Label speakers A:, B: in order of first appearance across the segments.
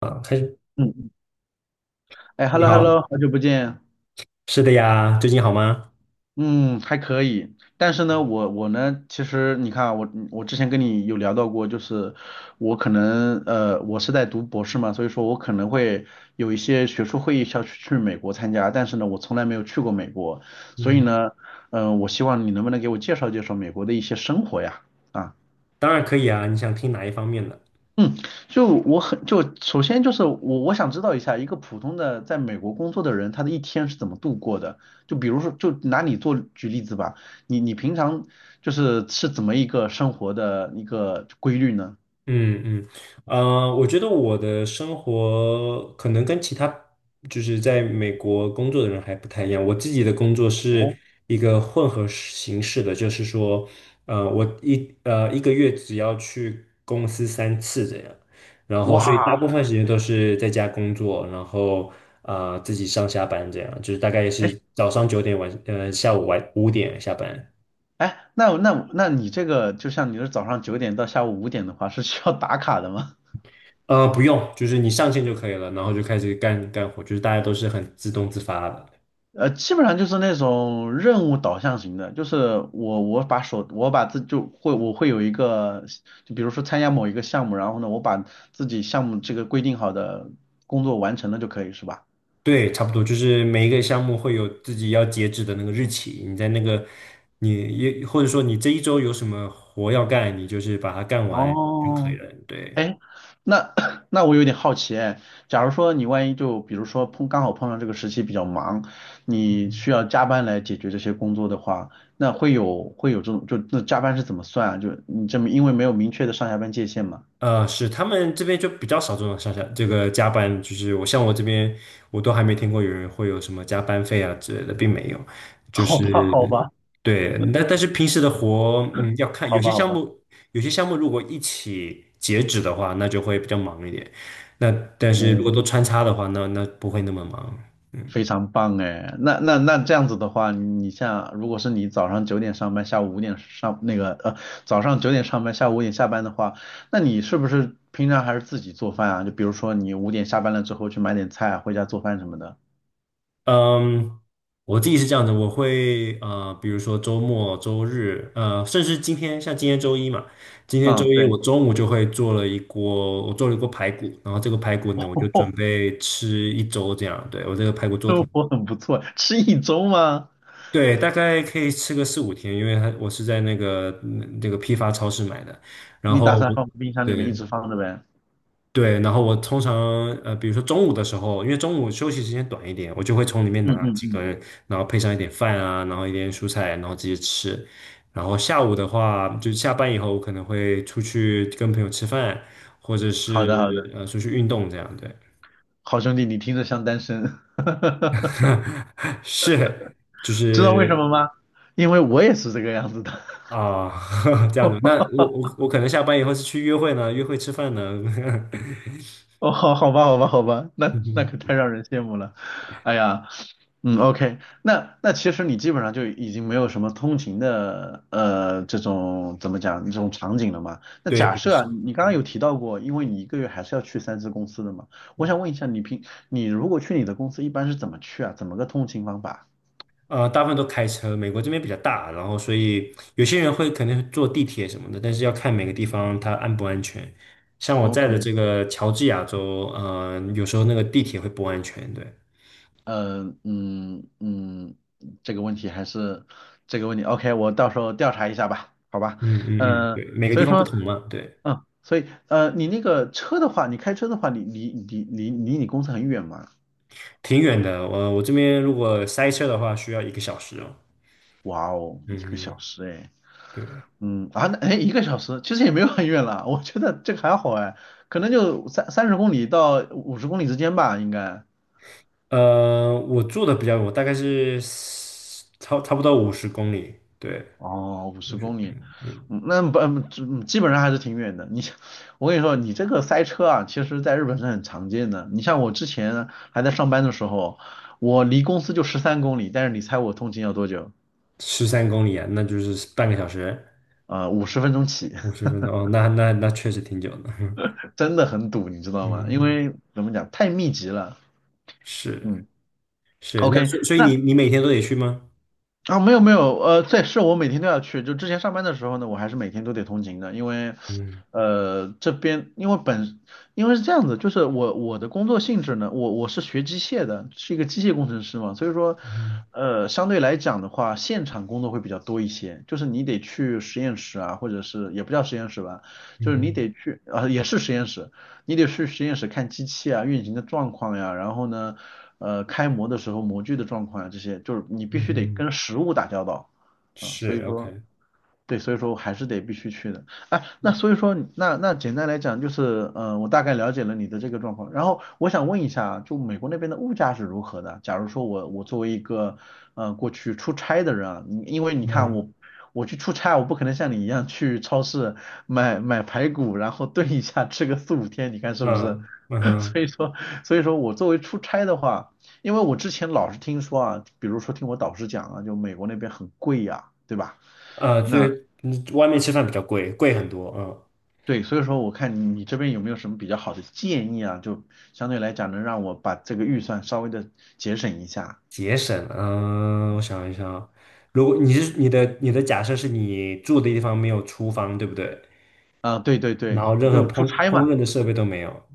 A: 啊，开始，
B: 嗯嗯，哎
A: 你
B: ，hello
A: 好。
B: hello，好久不见，
A: 是的呀，最近好吗？
B: 嗯，还可以，但是呢，我呢，其实你看啊，我之前跟你有聊到过，就是我可能我是在读博士嘛，所以说我可能会有一些学术会议需要去美国参加，但是呢，我从来没有去过美国，所以
A: 嗯，
B: 呢，我希望你能不能给我介绍介绍美国的一些生活呀？啊。
A: 当然可以啊，你想听哪一方面的？
B: 嗯，就我很就首先就是我想知道一下，一个普通的在美国工作的人，他的一天是怎么度过的？就比如说，就拿你做举例子吧，你平常就是怎么一个生活的一个规律呢？
A: 嗯嗯。我觉得我的生活可能跟其他就是在美国工作的人还不太一样。我自己的工作是
B: 哦，
A: 一个混合形式的，就是说，我一个月只要去公司三次这样，然后所以大部
B: 哇，
A: 分时间都是在家工作，然后自己上下班这样，就是大概也
B: 哎
A: 是早上9点下午5点下班。
B: 哎，那你这个就像你是早上九点到下午五点的话，是需要打卡的吗？
A: 不用，就是你上线就可以了，然后就开始干活，就是大家都是很自动自发的。
B: 呃，基本上就是那种任务导向型的，就是我我把手我把自就会我会有一个，就比如说参加某一个项目，然后呢，我把自己项目这个规定好的工作完成了就可以，是吧？
A: 对，差不多，就是每一个项目会有自己要截止的那个日期，你在那个你也或者说你这一周有什么活要干，你就是把它干完就可以
B: 哦，
A: 了。对。
B: 哎，那 那我有点好奇，哎，假如说你万一就比如说刚好碰上这个时期比较忙，你需要加班来解决这些工作的话，那会有这种就那加班是怎么算啊？就你这么因为没有明确的上下班界限嘛？
A: 是他们这边就比较少这种上下这个加班，就是像我这边，我都还没听过有人会有什么加班费啊之类的，并没有。就
B: 好吧，好
A: 是
B: 吧。
A: 对。但是平时的活，嗯，要看
B: 好
A: 有些
B: 吧，好
A: 项
B: 吧，
A: 目，有些项目如果一起截止的话，那就会比较忙一点。那但是如
B: 嗯，
A: 果都穿插的话，那不会那么忙。
B: 非常棒哎。那这样子的话，你像如果是你早上九点上班，下午五点上那个呃，早上九点上班，下午五点下班的话，那你是不是平常还是自己做饭啊？就比如说你五点下班了之后去买点菜啊回家做饭什么的。
A: 嗯，我自己是这样子，我会比如说周末、周日，甚至今天，像今天周一嘛，今天周
B: 嗯，
A: 一
B: 对，
A: 我中午就会做了一锅，我做了一锅排骨，然后这个排骨呢，我就准
B: 哦，
A: 备吃一周这样。对，我这个排骨做
B: 生
A: 挺，
B: 活很不错，吃一周吗？
A: 对，大概可以吃个四五天，因为它我是在那个那个批发超市买的，然
B: 你打
A: 后
B: 算
A: 我
B: 放冰箱里面一
A: 对
B: 直放着呗？
A: 对，然后我通常比如说中午的时候，因为中午休息时间短一点，我就会从里面
B: 嗯
A: 拿
B: 嗯
A: 几
B: 嗯，
A: 根，然后配上一点饭啊，然后一点蔬菜，然后直接吃。然后下午的话，就下班以后，我可能会出去跟朋友吃饭，或者
B: 好
A: 是
B: 的好的，
A: 出去运动这样。对。
B: 好兄弟，你听着像单身，
A: 是，就
B: 知道为什
A: 是
B: 么吗？因为我也是这个样子的。
A: 啊、这样子。那我可能下班以后是去约会呢，约会吃饭呢。
B: 哦，好，好吧，好吧，好吧，那那可太 让人羡慕了。哎呀，嗯，OK,那那其实你基本上就已经没有什么通勤的这种怎么讲这种场景了嘛？那
A: 对，
B: 假
A: 比较
B: 设啊，
A: 少。
B: 你刚刚有
A: 嗯
B: 提到过，因为你一个月还是要去三次公司的嘛，我
A: 嗯。
B: 想问一下，你如果去你的公司一般是怎么去啊？怎么个通勤方法
A: 大部分都开车，美国这边比较大，然后所以有些人会可能坐地铁什么的，但是要看每个地方它安不安全。像我在
B: ？OK,
A: 的这个乔治亚州，有时候那个地铁会不安全。对。
B: 呃，嗯嗯，这个问题还是这个问题，OK,我到时候调查一下吧，好吧？
A: 嗯嗯嗯，嗯，
B: 嗯、
A: 对，每个
B: 所
A: 地
B: 以
A: 方不
B: 说。
A: 同嘛。对，
B: 嗯，所以你那个车的话，你开车的话，你离你公司很远吗？
A: 挺远的。我这边如果塞车的话，需要一个小时哦。
B: 哇哦，一个
A: 嗯嗯，
B: 小
A: 嗯，
B: 时哎，
A: 对。
B: 那哎一个小时其实也没有很远了，我觉得这个还好哎，可能就30公里到五十公里之间吧，应该。
A: 我住的比较远，我大概是差不多五十公里。对，
B: 哦，五十
A: 五十
B: 公
A: 公里。
B: 里，
A: 嗯。
B: 嗯那不嗯基本上还是挺远的。你像我跟你说，你这个塞车啊，其实在日本是很常见的。你像我之前还在上班的时候，我离公司就13公里，但是你猜我通勤要多久？
A: 十三公里啊，那就是半个小时。
B: 呃，50分钟起。
A: 50分钟哦，那那那确实挺久的。
B: 真的很堵，你知道吗？因
A: 嗯，
B: 为怎么讲，太密集了。
A: 是。
B: 嗯
A: 是。那
B: ，OK,
A: 所以所以你
B: 那
A: 你每天都得去吗？
B: 啊没有没有，对，是我每天都要去。就之前上班的时候呢，我还是每天都得通勤的，因为
A: 嗯。
B: 呃这边因为本因为是这样子，就是我的工作性质呢，我是学机械的，是一个机械工程师嘛，所以说
A: 嗯
B: 相对来讲的话，现场工作会比较多一些，就是你得去实验室啊，或者是也不叫实验室吧，就
A: 嗯
B: 是你
A: 哼。
B: 得去啊、也是实验室，你得去实验室看机器啊、运行的状况呀，然后呢，开模的时候模具的状况啊，这些就是你必须
A: 嗯
B: 得
A: 哼。
B: 跟实物打交道啊，所
A: 是。
B: 以说。
A: OK。
B: 对，所以说我还是得必须去的。哎，那所以说你简单来讲就是，我大概了解了你的这个状况。然后我想问一下，就美国那边的物价是如何的？假如说我作为一个，过去出差的人啊，你因为你看
A: 嗯
B: 我去出差，我不可能像你一样去超市买排骨，然后炖一下吃个四五天，你看是不是？
A: 嗯嗯 哼。
B: 所以说，所以说我作为出差的话，因为我之前老是听说啊，比如说听我导师讲啊，就美国那边很贵呀、对吧？
A: 就
B: 那。
A: 是外面吃饭比较贵，贵很多。嗯，
B: 对，所以说我看你这边有没有什么比较好的建议啊？就相对来讲能让我把这个预算稍微的节省一下。
A: 节省。嗯，我想一想啊，如果你是你的你的假设是你住的地方没有厨房，对不对？
B: 啊，对对
A: 然
B: 对，
A: 后任何
B: 就出
A: 烹
B: 差
A: 烹
B: 嘛？
A: 饪的设备都没有，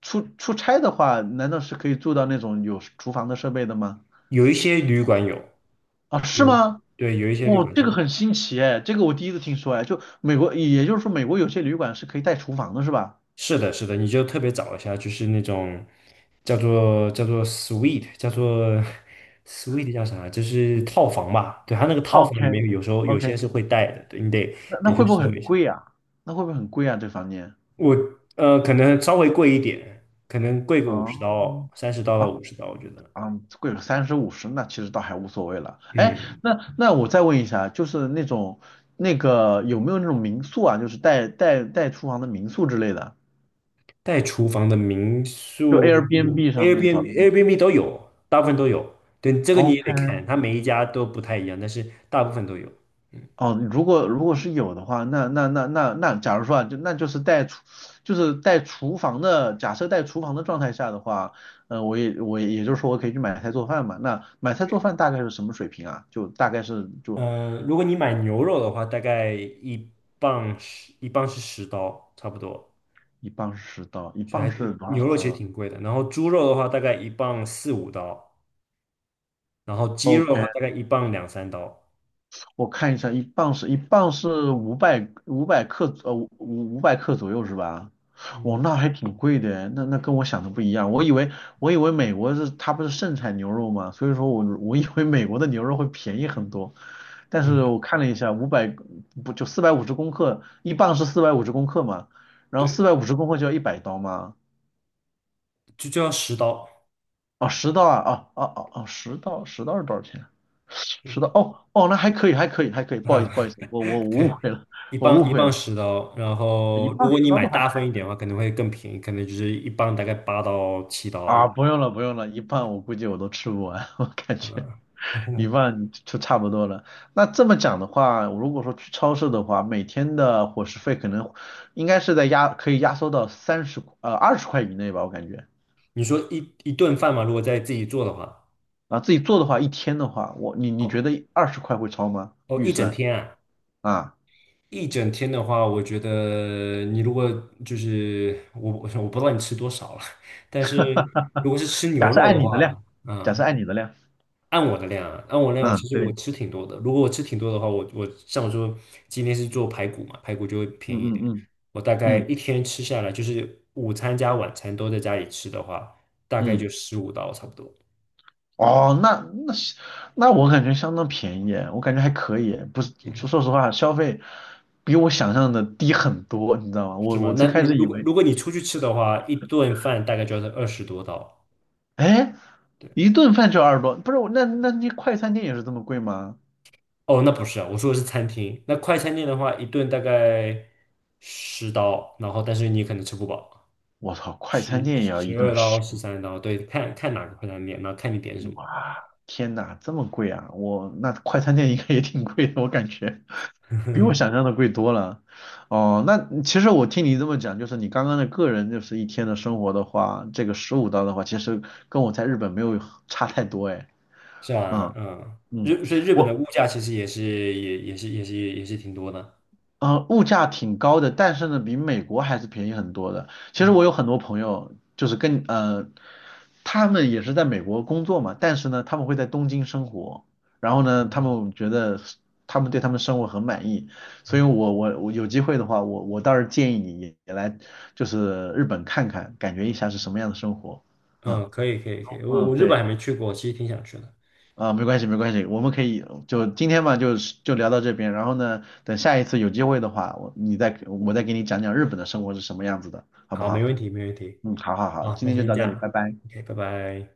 B: 出差的话，难道是可以住到那种有厨房的设备的吗？
A: 有一些旅馆有。
B: 啊，
A: 有，
B: 是吗？
A: 对，有一些旅
B: 哦，
A: 馆
B: 这个
A: 是。
B: 很新奇哎，这个我第一次听说哎，就美国，也就是说美国有些旅馆是可以带厨房的是吧
A: 是的，是的，你就特别找一下，就是那种叫做 s w e e t 叫做 s w e e t 叫啥？就是套房吧。对，它那个套
B: ？OK
A: 房里面有时候有
B: OK,
A: 些是会带的。对，你得
B: 那
A: 得
B: 那
A: 去
B: 会不会
A: 搜
B: 很
A: 一下。
B: 贵啊？那会不会很贵啊？这房间？
A: 我可能稍微贵一点，可能贵个五十
B: 哦。
A: 刀、30刀到五十刀，我觉得。
B: 嗯，贵个三十五十那其实倒还无所谓了。哎，
A: 嗯，
B: 那我再问一下，就是那种有没有那种民宿啊，就是带厨房的民宿之类的，
A: 带厨房的民
B: 就
A: 宿
B: Airbnb 上面找的
A: ，Airbnb、
B: 那种。
A: Airbnb 都有，大部分都有。对，这个你也得
B: OK,
A: 看，它每一家都不太一样，但是大部分都有。嗯。
B: 哦，如果如果是有的话，那，假如说啊，就是就是带厨房的，假设带厨房的状态下的话，我也就是说我可以去买菜做饭嘛。那买菜做
A: 对。
B: 饭大概是什么水平啊？就大概是就
A: 嗯，如果你买牛肉的话，大概一磅是十刀，差不多。
B: 一磅是到一
A: 所以还
B: 磅是多少？
A: 牛肉其实挺贵的。然后猪肉的话，大概一磅四五刀，然后鸡肉的话，
B: OK,
A: 大概一磅两三刀。
B: 我看一下，一磅是五百克，五百克左右是吧？哇，
A: 嗯
B: 那还挺贵的，那那跟我想的不一样。我以为美国是它不是盛产牛肉吗？所以说我以为美国的牛肉会便宜很多，但是
A: 嗯，
B: 我看了一下，五百不就四百五十公克，一磅是四百五十公克嘛，然后
A: 对，
B: 四百五十公克就要100刀吗？
A: 就要十刀。
B: 哦，十刀啊，哦，十刀是多少钱？
A: 是
B: 是刀
A: 的
B: 哦，那还可以，还可以，还可以，不好意思，
A: 啊。
B: 不好意思，我 误
A: 对，
B: 会了，
A: 一
B: 我误
A: 磅一
B: 会
A: 磅
B: 了，
A: 十刀。然
B: 一
A: 后如
B: 磅
A: 果
B: 十
A: 你
B: 刀
A: 买
B: 的话，
A: 大
B: 那还
A: 份一
B: 可
A: 点
B: 以
A: 的话，可能会更便宜，可能就是一磅大概8刀7刀一
B: 啊，
A: 点。
B: 不用了，不用了，一半我估计我都吃不完，我感觉
A: 嗯。
B: 一 半就差不多了。那这么讲的话，我如果说去超市的话，每天的伙食费可能应该是在压，可以压缩到二十块以内吧，我感觉
A: 你说一顿饭嘛，如果在自己做的话。
B: 啊，自己做的话，一天的话，你你觉
A: 哦
B: 得二十块会超吗？
A: 哦，
B: 预
A: 一整
B: 算
A: 天啊。
B: 啊，
A: 一整天的话，我觉得你如果就是我，我不知道你吃多少了。但是如果是吃 牛
B: 假设
A: 肉
B: 按
A: 的
B: 你的量，
A: 话。
B: 假设
A: 嗯，
B: 按你的量，
A: 按我的量啊，按我量，我其
B: 嗯，
A: 实我
B: 对，
A: 吃挺多的。如果我吃挺多的话，我像我说今天是做排骨嘛，排骨就会
B: 嗯
A: 便宜一
B: 嗯
A: 点。
B: 嗯。
A: 我大概
B: 嗯
A: 一天吃下来，就是午餐加晚餐都在家里吃的话，大概就
B: 嗯，
A: 15刀差不多。
B: 哦，那我感觉相当便宜耶我感觉还可以，不是，
A: 嗯，
B: 说实话，消费比我想象的低很多，你知道吗？
A: 是
B: 我
A: 吗？
B: 我
A: 那
B: 最开
A: 如
B: 始
A: 如
B: 以
A: 果
B: 为，
A: 如果你出去吃的话，一顿饭大概就要是20多刀。
B: 哎，一顿饭就20多，不是，我那那那快餐店也是这么贵吗？
A: 哦，那不是啊，我说的是餐厅。那快餐店的话，一顿大概十刀，然后但是你可能吃不饱，
B: 我操，快餐
A: 十
B: 店也要
A: 十
B: 一顿
A: 二刀、
B: 十，
A: 13刀，对，看看哪个快餐店，然后看你点什么。
B: 哇，天呐，这么贵啊！我那快餐店应该也挺贵的，我感觉。比我想 象的贵多了。哦，那其实我听你这么讲，就是你刚刚的个人就是一天的生活的话，这个15刀的话，其实跟我在日本没有差太多哎。
A: 是吧？
B: 嗯
A: 嗯，
B: 嗯，
A: 所以日本的
B: 我
A: 物价其实也是挺多的。
B: 呃，物价挺高的，但是呢，比美国还是便宜很多的。其实
A: 嗯
B: 我有很多朋友，就是他们也是在美国工作嘛，但是呢，他们会在东京生活，然后呢，他们对他们生活很满意，所以我有机会的话，我倒是建议你也来日本看看，感觉一下是什么样的生活。嗯
A: 嗯，可以可以可以，我
B: 嗯，
A: 我日本
B: 对。
A: 还没去过，其实挺想去的。
B: 啊，没关系，没关系，我们可以就今天嘛，就是就聊到这边。然后呢，等下一次有机会的话，我再给你讲讲日本的生活是什么样子的，好不
A: 好，没
B: 好？
A: 问题没问题。
B: 嗯，好好好，
A: 好，
B: 今
A: 那
B: 天就
A: 先
B: 到
A: 这
B: 这里，拜
A: 样
B: 拜。
A: ，OK，拜拜。